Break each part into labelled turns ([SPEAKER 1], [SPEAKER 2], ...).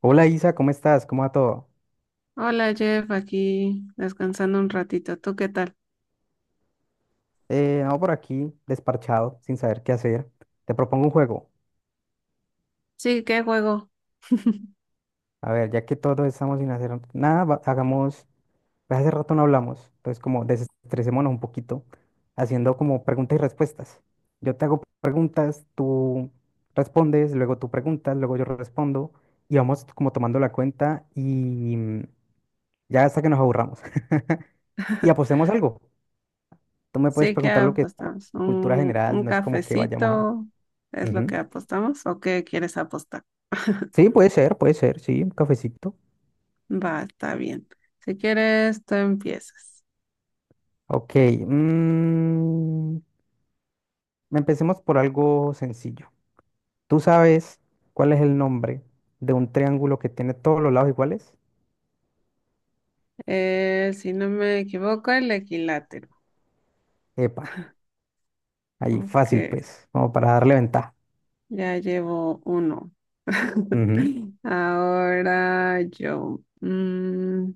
[SPEAKER 1] Hola Isa, ¿cómo estás? ¿Cómo va todo?
[SPEAKER 2] Hola Jeff, aquí descansando un ratito. ¿Tú qué tal?
[SPEAKER 1] No, por aquí, desparchado, sin saber qué hacer. Te propongo un juego.
[SPEAKER 2] Sí, ¿qué juego?
[SPEAKER 1] A ver, ya que todos estamos sin hacer nada, hagamos, pues hace rato no hablamos, entonces como desestresémonos un poquito, haciendo como preguntas y respuestas. Yo te hago preguntas, tú respondes, luego tú preguntas, luego yo respondo, y vamos como tomando la cuenta y ya hasta que nos aburramos. Y apostemos algo. Tú me puedes
[SPEAKER 2] Sí, ¿qué
[SPEAKER 1] preguntar lo que es
[SPEAKER 2] apostamos?
[SPEAKER 1] cultura
[SPEAKER 2] ¿Un,
[SPEAKER 1] general,
[SPEAKER 2] un
[SPEAKER 1] no es como que vayamos a.
[SPEAKER 2] cafecito? ¿Es lo que
[SPEAKER 1] Ujú.
[SPEAKER 2] apostamos? ¿O qué quieres apostar?
[SPEAKER 1] Sí, puede ser, sí, un cafecito.
[SPEAKER 2] Va, está bien. Si quieres, tú empiezas.
[SPEAKER 1] Ok, mm, empecemos por algo sencillo. ¿Tú sabes cuál es el nombre de un triángulo que tiene todos los lados iguales?
[SPEAKER 2] Si no me equivoco, el equilátero.
[SPEAKER 1] Epa, ahí,
[SPEAKER 2] Ok,
[SPEAKER 1] fácil pues, como para darle ventaja.
[SPEAKER 2] ya llevo uno.
[SPEAKER 1] Ujú.
[SPEAKER 2] Ahora yo.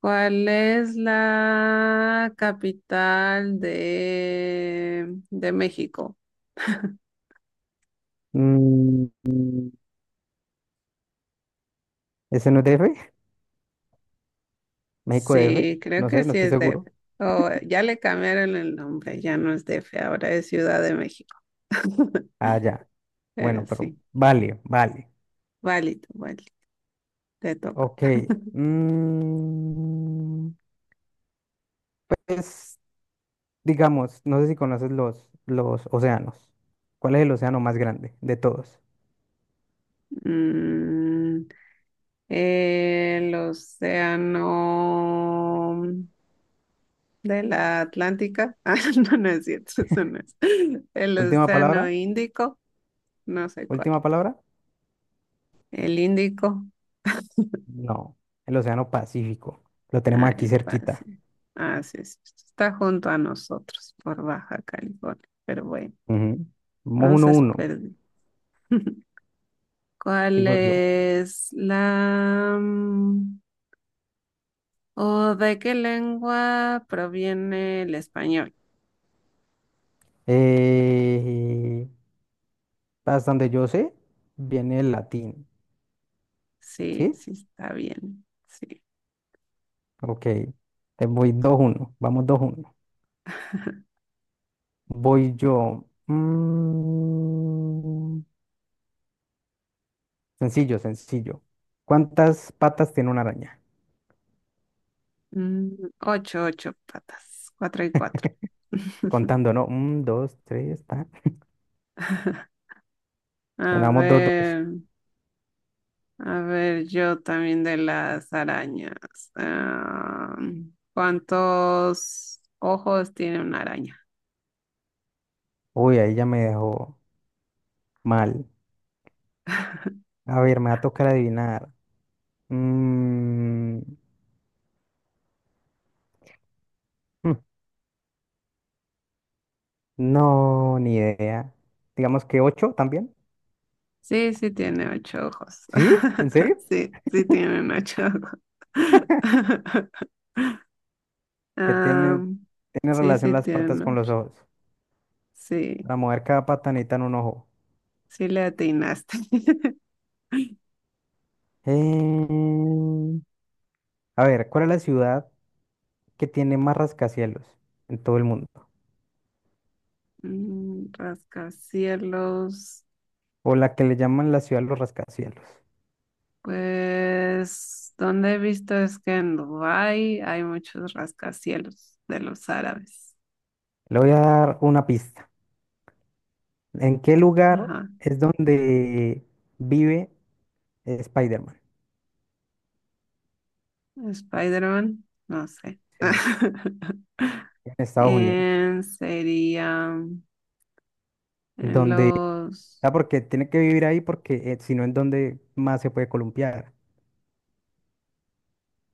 [SPEAKER 2] ¿Cuál es la capital de México?
[SPEAKER 1] Mm, mm, ¿Ese no es DF? ¿México DF?
[SPEAKER 2] Sí, creo
[SPEAKER 1] No
[SPEAKER 2] que
[SPEAKER 1] sé, no
[SPEAKER 2] sí
[SPEAKER 1] estoy
[SPEAKER 2] es DF.
[SPEAKER 1] seguro.
[SPEAKER 2] Oh, ya le cambiaron el nombre, ya no es DF, ahora es Ciudad de México.
[SPEAKER 1] Ah, ya. Bueno,
[SPEAKER 2] Pero
[SPEAKER 1] pero
[SPEAKER 2] sí,
[SPEAKER 1] vale, vale.
[SPEAKER 2] válido, válido, te toca.
[SPEAKER 1] Ok. mm, es Digamos, no sé si conoces los océanos. ¿Cuál es el océano más grande de todos?
[SPEAKER 2] Mm, el océano de la Atlántica. Ah, no, no es cierto, eso no es. El
[SPEAKER 1] Última
[SPEAKER 2] océano
[SPEAKER 1] palabra.
[SPEAKER 2] Índico, no sé cuál.
[SPEAKER 1] Última palabra.
[SPEAKER 2] El Índico.
[SPEAKER 1] No, el océano Pacífico. Lo tenemos
[SPEAKER 2] Ah,
[SPEAKER 1] aquí
[SPEAKER 2] el
[SPEAKER 1] cerquita.
[SPEAKER 2] pase. Ah, sí, sí, sí, está junto a nosotros por Baja California. Pero bueno,
[SPEAKER 1] Ujú. Vamos uno a
[SPEAKER 2] entonces
[SPEAKER 1] uno.
[SPEAKER 2] perdí. ¿Cuál
[SPEAKER 1] Sigo yo.
[SPEAKER 2] es la, o de qué lengua proviene el español?
[SPEAKER 1] Eh, Hasta donde yo sé, viene el latín.
[SPEAKER 2] Sí,
[SPEAKER 1] ¿Sí?
[SPEAKER 2] sí, está bien. Sí.
[SPEAKER 1] Ok. Te voy 2-1. Vamos 2-1. Voy yo. Sencillo, sencillo. ¿Cuántas patas tiene una araña?
[SPEAKER 2] Mm, Ocho, ocho patas. Cuatro y cuatro.
[SPEAKER 1] Contando, ¿no? Un, dos, tres, ta.
[SPEAKER 2] A
[SPEAKER 1] Bueno, vamos 2-2.
[SPEAKER 2] ver. A ver, yo también de las arañas. Ah, ¿cuántos ojos tiene una araña?
[SPEAKER 1] Uy, ahí ya me dejó mal. A ver, me va a tocar adivinar. Mm, hmm, no, ni idea. Digamos que ocho también.
[SPEAKER 2] Sí, sí tiene ocho ojos.
[SPEAKER 1] ¿Sí? ¿En serio?
[SPEAKER 2] Sí, sí tienen ocho ojos.
[SPEAKER 1] Que
[SPEAKER 2] Ah,
[SPEAKER 1] tiene
[SPEAKER 2] sí,
[SPEAKER 1] relación
[SPEAKER 2] sí
[SPEAKER 1] las patas
[SPEAKER 2] tienen
[SPEAKER 1] con los
[SPEAKER 2] ocho.
[SPEAKER 1] ojos.
[SPEAKER 2] Sí,
[SPEAKER 1] Para mover cada pata necesitan un ojo.
[SPEAKER 2] sí le atinaste.
[SPEAKER 1] Eh, a ver, ¿cuál es la ciudad que tiene más rascacielos en todo el mundo?
[SPEAKER 2] Rascacielos,
[SPEAKER 1] O la que le llaman la ciudad de los rascacielos.
[SPEAKER 2] pues, donde he visto es que en Dubái hay muchos rascacielos de los árabes.
[SPEAKER 1] Le voy a dar una pista. ¿En qué lugar
[SPEAKER 2] Ajá.
[SPEAKER 1] es donde vive Spider-Man?
[SPEAKER 2] Spider-Man, no sé.
[SPEAKER 1] Sí, en Estados Unidos.
[SPEAKER 2] En sería en
[SPEAKER 1] Donde,
[SPEAKER 2] los,
[SPEAKER 1] Porque tiene que vivir ahí porque si no, ¿en dónde más se puede columpiar?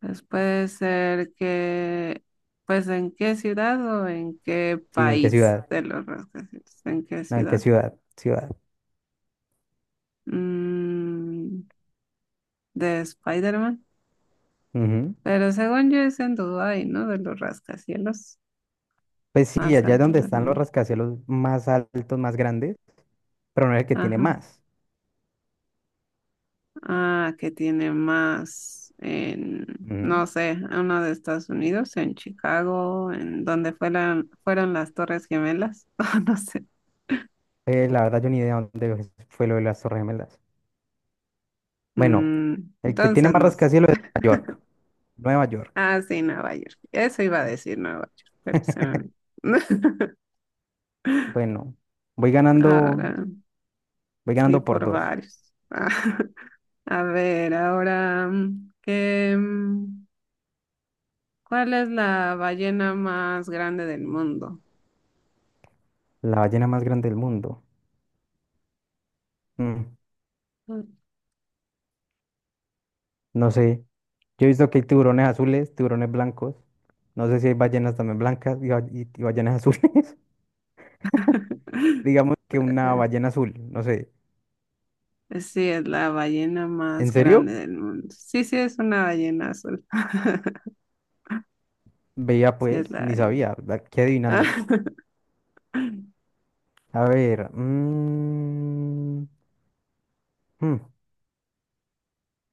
[SPEAKER 2] pues puede ser que, pues en qué ciudad o en qué
[SPEAKER 1] Sí, ¿en qué
[SPEAKER 2] país
[SPEAKER 1] ciudad?
[SPEAKER 2] de los rascacielos, en qué
[SPEAKER 1] No, ¿en qué
[SPEAKER 2] ciudad.
[SPEAKER 1] ciudad? Ciudad.
[SPEAKER 2] Mm, de Spider-Man.
[SPEAKER 1] Ujú.
[SPEAKER 2] Pero según yo es en Dubái, ¿no? De los rascacielos
[SPEAKER 1] Pues sí,
[SPEAKER 2] más
[SPEAKER 1] allá es
[SPEAKER 2] altos
[SPEAKER 1] donde
[SPEAKER 2] del
[SPEAKER 1] están los
[SPEAKER 2] mundo.
[SPEAKER 1] rascacielos más altos, más grandes, pero no es el que tiene
[SPEAKER 2] Ajá.
[SPEAKER 1] más.
[SPEAKER 2] Ah, que tiene más en,
[SPEAKER 1] Ujú.
[SPEAKER 2] no sé, uno de Estados Unidos, en Chicago, en donde fueron las Torres Gemelas, o no sé.
[SPEAKER 1] La verdad, yo ni idea dónde fue lo de las Torres Gemelas. Bueno,
[SPEAKER 2] Mm,
[SPEAKER 1] el que tiene
[SPEAKER 2] entonces,
[SPEAKER 1] más
[SPEAKER 2] no sé.
[SPEAKER 1] rascacielos es Nueva York. Nueva York.
[SPEAKER 2] Ah, sí, Nueva York. Eso iba a decir Nueva York, pero se me olvidó.
[SPEAKER 1] Bueno, voy ganando
[SPEAKER 2] Ahora,
[SPEAKER 1] Voy
[SPEAKER 2] sí,
[SPEAKER 1] ganando por
[SPEAKER 2] por
[SPEAKER 1] dos.
[SPEAKER 2] varios. Ah, A ver, ahora, ¿cuál es la ballena más grande del mundo?
[SPEAKER 1] La ballena más grande del mundo. Mm, no sé. Yo he visto que hay tiburones azules, tiburones blancos. No sé si hay ballenas también blancas y ballenas azules. Digamos que una
[SPEAKER 2] Eh,
[SPEAKER 1] ballena azul, no sé.
[SPEAKER 2] Pues sí, es la ballena
[SPEAKER 1] ¿En
[SPEAKER 2] más
[SPEAKER 1] serio?
[SPEAKER 2] grande del mundo. Sí, sí, es una ballena azul.
[SPEAKER 1] Veía
[SPEAKER 2] Sí, es
[SPEAKER 1] pues,
[SPEAKER 2] la
[SPEAKER 1] ni
[SPEAKER 2] ballena.
[SPEAKER 1] sabía. Aquí adivinando. A ver. Hmm,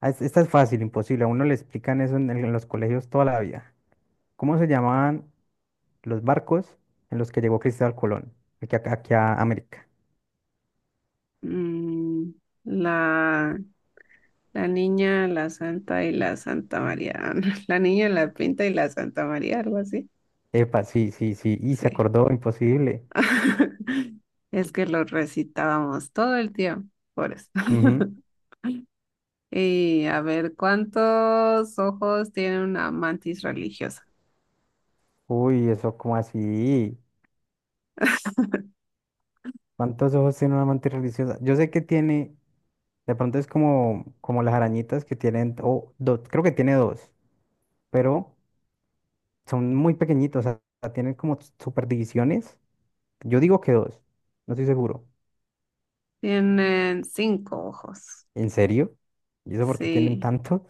[SPEAKER 1] Esta es fácil, imposible. A uno le explican eso en los colegios toda la vida. ¿Cómo se llamaban los barcos en los que llegó Cristóbal Colón? Aquí a América.
[SPEAKER 2] Mm, la, la, niña, la santa y la Santa María. Ah, no, la niña, la pinta y la Santa María, algo así.
[SPEAKER 1] Epa, sí, sí, sí. Y se
[SPEAKER 2] Sí.
[SPEAKER 1] acordó, imposible.
[SPEAKER 2] Es que lo recitábamos todo el tiempo, por eso.
[SPEAKER 1] Ujú.
[SPEAKER 2] Y a ver, ¿cuántos ojos tiene una mantis religiosa?
[SPEAKER 1] Uy, eso como así. ¿Cuántos ojos tiene una amante religiosa? Yo sé que tiene, de pronto es como las arañitas que tienen, o dos, creo que tiene dos, pero son muy pequeñitos, o sea, tienen como super divisiones. Yo digo que dos, no estoy seguro.
[SPEAKER 2] Tienen cinco ojos.
[SPEAKER 1] ¿En serio? ¿Y eso por qué tienen
[SPEAKER 2] Sí.
[SPEAKER 1] tantos?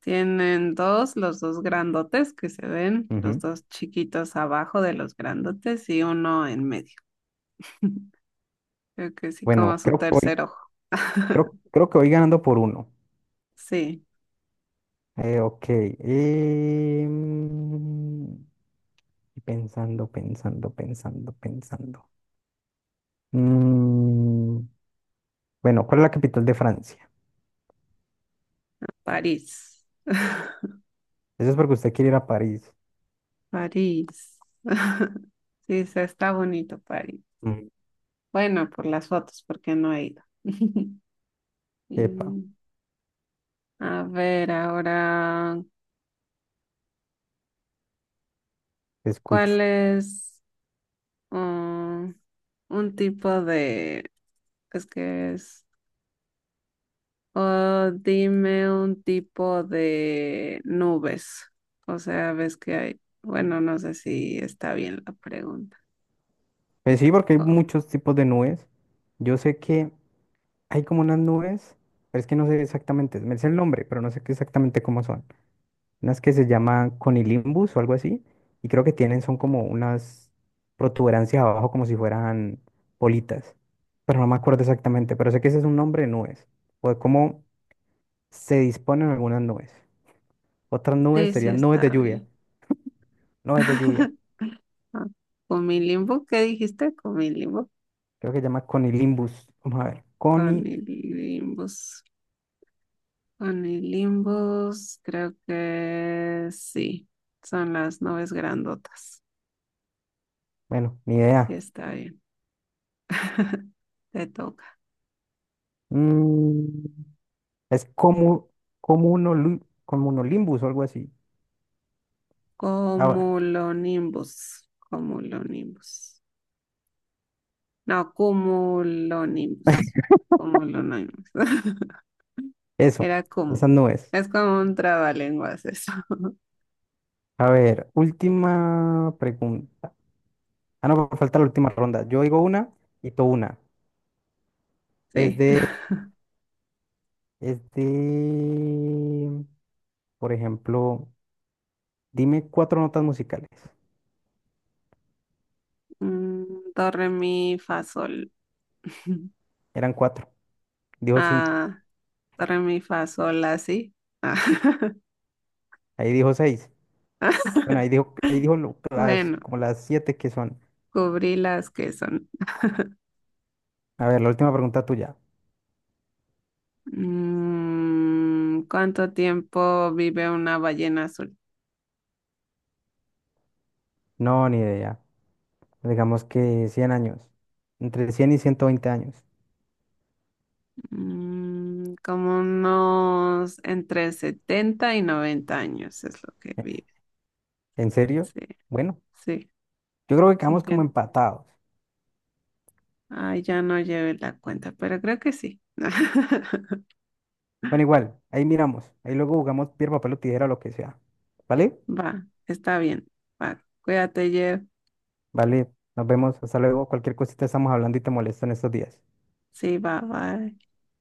[SPEAKER 2] Tienen dos, los dos grandotes que se ven, los
[SPEAKER 1] Ujú.
[SPEAKER 2] dos chiquitos abajo de los grandotes y uno en medio. Creo que sí, como
[SPEAKER 1] Bueno,
[SPEAKER 2] su
[SPEAKER 1] creo que voy,
[SPEAKER 2] tercer ojo.
[SPEAKER 1] creo, creo que voy ganando por uno.
[SPEAKER 2] Sí,
[SPEAKER 1] Ok. Em, Y pensando, pensando, pensando, pensando. Mm, bueno, ¿cuál es la capital de Francia?
[SPEAKER 2] París.
[SPEAKER 1] Eso es porque usted quiere ir a París.
[SPEAKER 2] París. Sí, se está bonito París.
[SPEAKER 1] Mm,
[SPEAKER 2] Bueno, por las fotos, porque no he ido.
[SPEAKER 1] Epa,
[SPEAKER 2] Y, a ver, ahora,
[SPEAKER 1] te
[SPEAKER 2] ¿cuál
[SPEAKER 1] escucho.
[SPEAKER 2] es um, un tipo de. Es que es O dime un tipo de nubes. O sea, ves que hay. Bueno, no sé si está bien la pregunta.
[SPEAKER 1] Pues sí, porque hay
[SPEAKER 2] O-
[SPEAKER 1] muchos tipos de nubes. Yo sé que hay como unas nubes, pero es que no sé exactamente, me sé el nombre, pero no sé qué exactamente cómo son. Unas que se llaman conilimbus o algo así, y creo que tienen, son como unas protuberancias abajo como si fueran bolitas, pero no me acuerdo exactamente, pero sé que ese es un nombre de nubes. O de cómo se disponen algunas nubes. Otras nubes
[SPEAKER 2] sí, sí
[SPEAKER 1] serían nubes de
[SPEAKER 2] está
[SPEAKER 1] lluvia.
[SPEAKER 2] bien.
[SPEAKER 1] Nubes de lluvia.
[SPEAKER 2] Ah, Comilimbus, ¿qué dijiste? Comilimbus.
[SPEAKER 1] Creo que se llama conilimbus. Vamos a ver. Coni.
[SPEAKER 2] Comilimbus. Comilimbus, creo que sí. Son las nubes grandotas.
[SPEAKER 1] Bueno, ni
[SPEAKER 2] Sí
[SPEAKER 1] idea.
[SPEAKER 2] está bien. Te toca.
[SPEAKER 1] Mm, es como, comunolimbus o algo así. Ahora,
[SPEAKER 2] Cumulonimbus. Cumulonimbus. No, cumulonimbus. Cumulonimbus.
[SPEAKER 1] eso.
[SPEAKER 2] Era como.
[SPEAKER 1] Esas nubes.
[SPEAKER 2] Es como un trabalenguas eso.
[SPEAKER 1] A ver, última pregunta. Ah, no, pues, falta la última ronda. Yo digo una y tú una. Es
[SPEAKER 2] Sí.
[SPEAKER 1] de, es de, por ejemplo, dime cuatro notas musicales.
[SPEAKER 2] Mm, Do, re, mi, fa, sol.
[SPEAKER 1] Eran cuatro. Dijo cinco.
[SPEAKER 2] Ah, do, re, mi, fa, sol, así. Ah.
[SPEAKER 1] Ahí dijo seis. Bueno, las,
[SPEAKER 2] Bueno,
[SPEAKER 1] como las siete que son.
[SPEAKER 2] cubrí las que son.
[SPEAKER 1] A ver, la última pregunta tuya.
[SPEAKER 2] ¿Cuánto tiempo vive una ballena azul?
[SPEAKER 1] No, ni idea. Digamos que 100 años. Entre 100 y 120 años.
[SPEAKER 2] Como unos entre 70 y 90 años es lo que
[SPEAKER 1] Eh,
[SPEAKER 2] vive.
[SPEAKER 1] ¿En serio?
[SPEAKER 2] Sí.
[SPEAKER 1] Bueno,
[SPEAKER 2] Sí,
[SPEAKER 1] yo creo que
[SPEAKER 2] sí
[SPEAKER 1] quedamos como
[SPEAKER 2] quiero.
[SPEAKER 1] empatados.
[SPEAKER 2] Ay, ya no llevé la cuenta, pero creo que sí.
[SPEAKER 1] Bueno, igual, ahí miramos. Ahí luego jugamos piedra, papel o tijera, lo que sea. ¿Vale?
[SPEAKER 2] Va, está bien. Va, cuídate, Jeff.
[SPEAKER 1] Vale, nos vemos. Hasta luego. Cualquier cosita estamos hablando y te molesto en estos días.
[SPEAKER 2] Sí, va, va.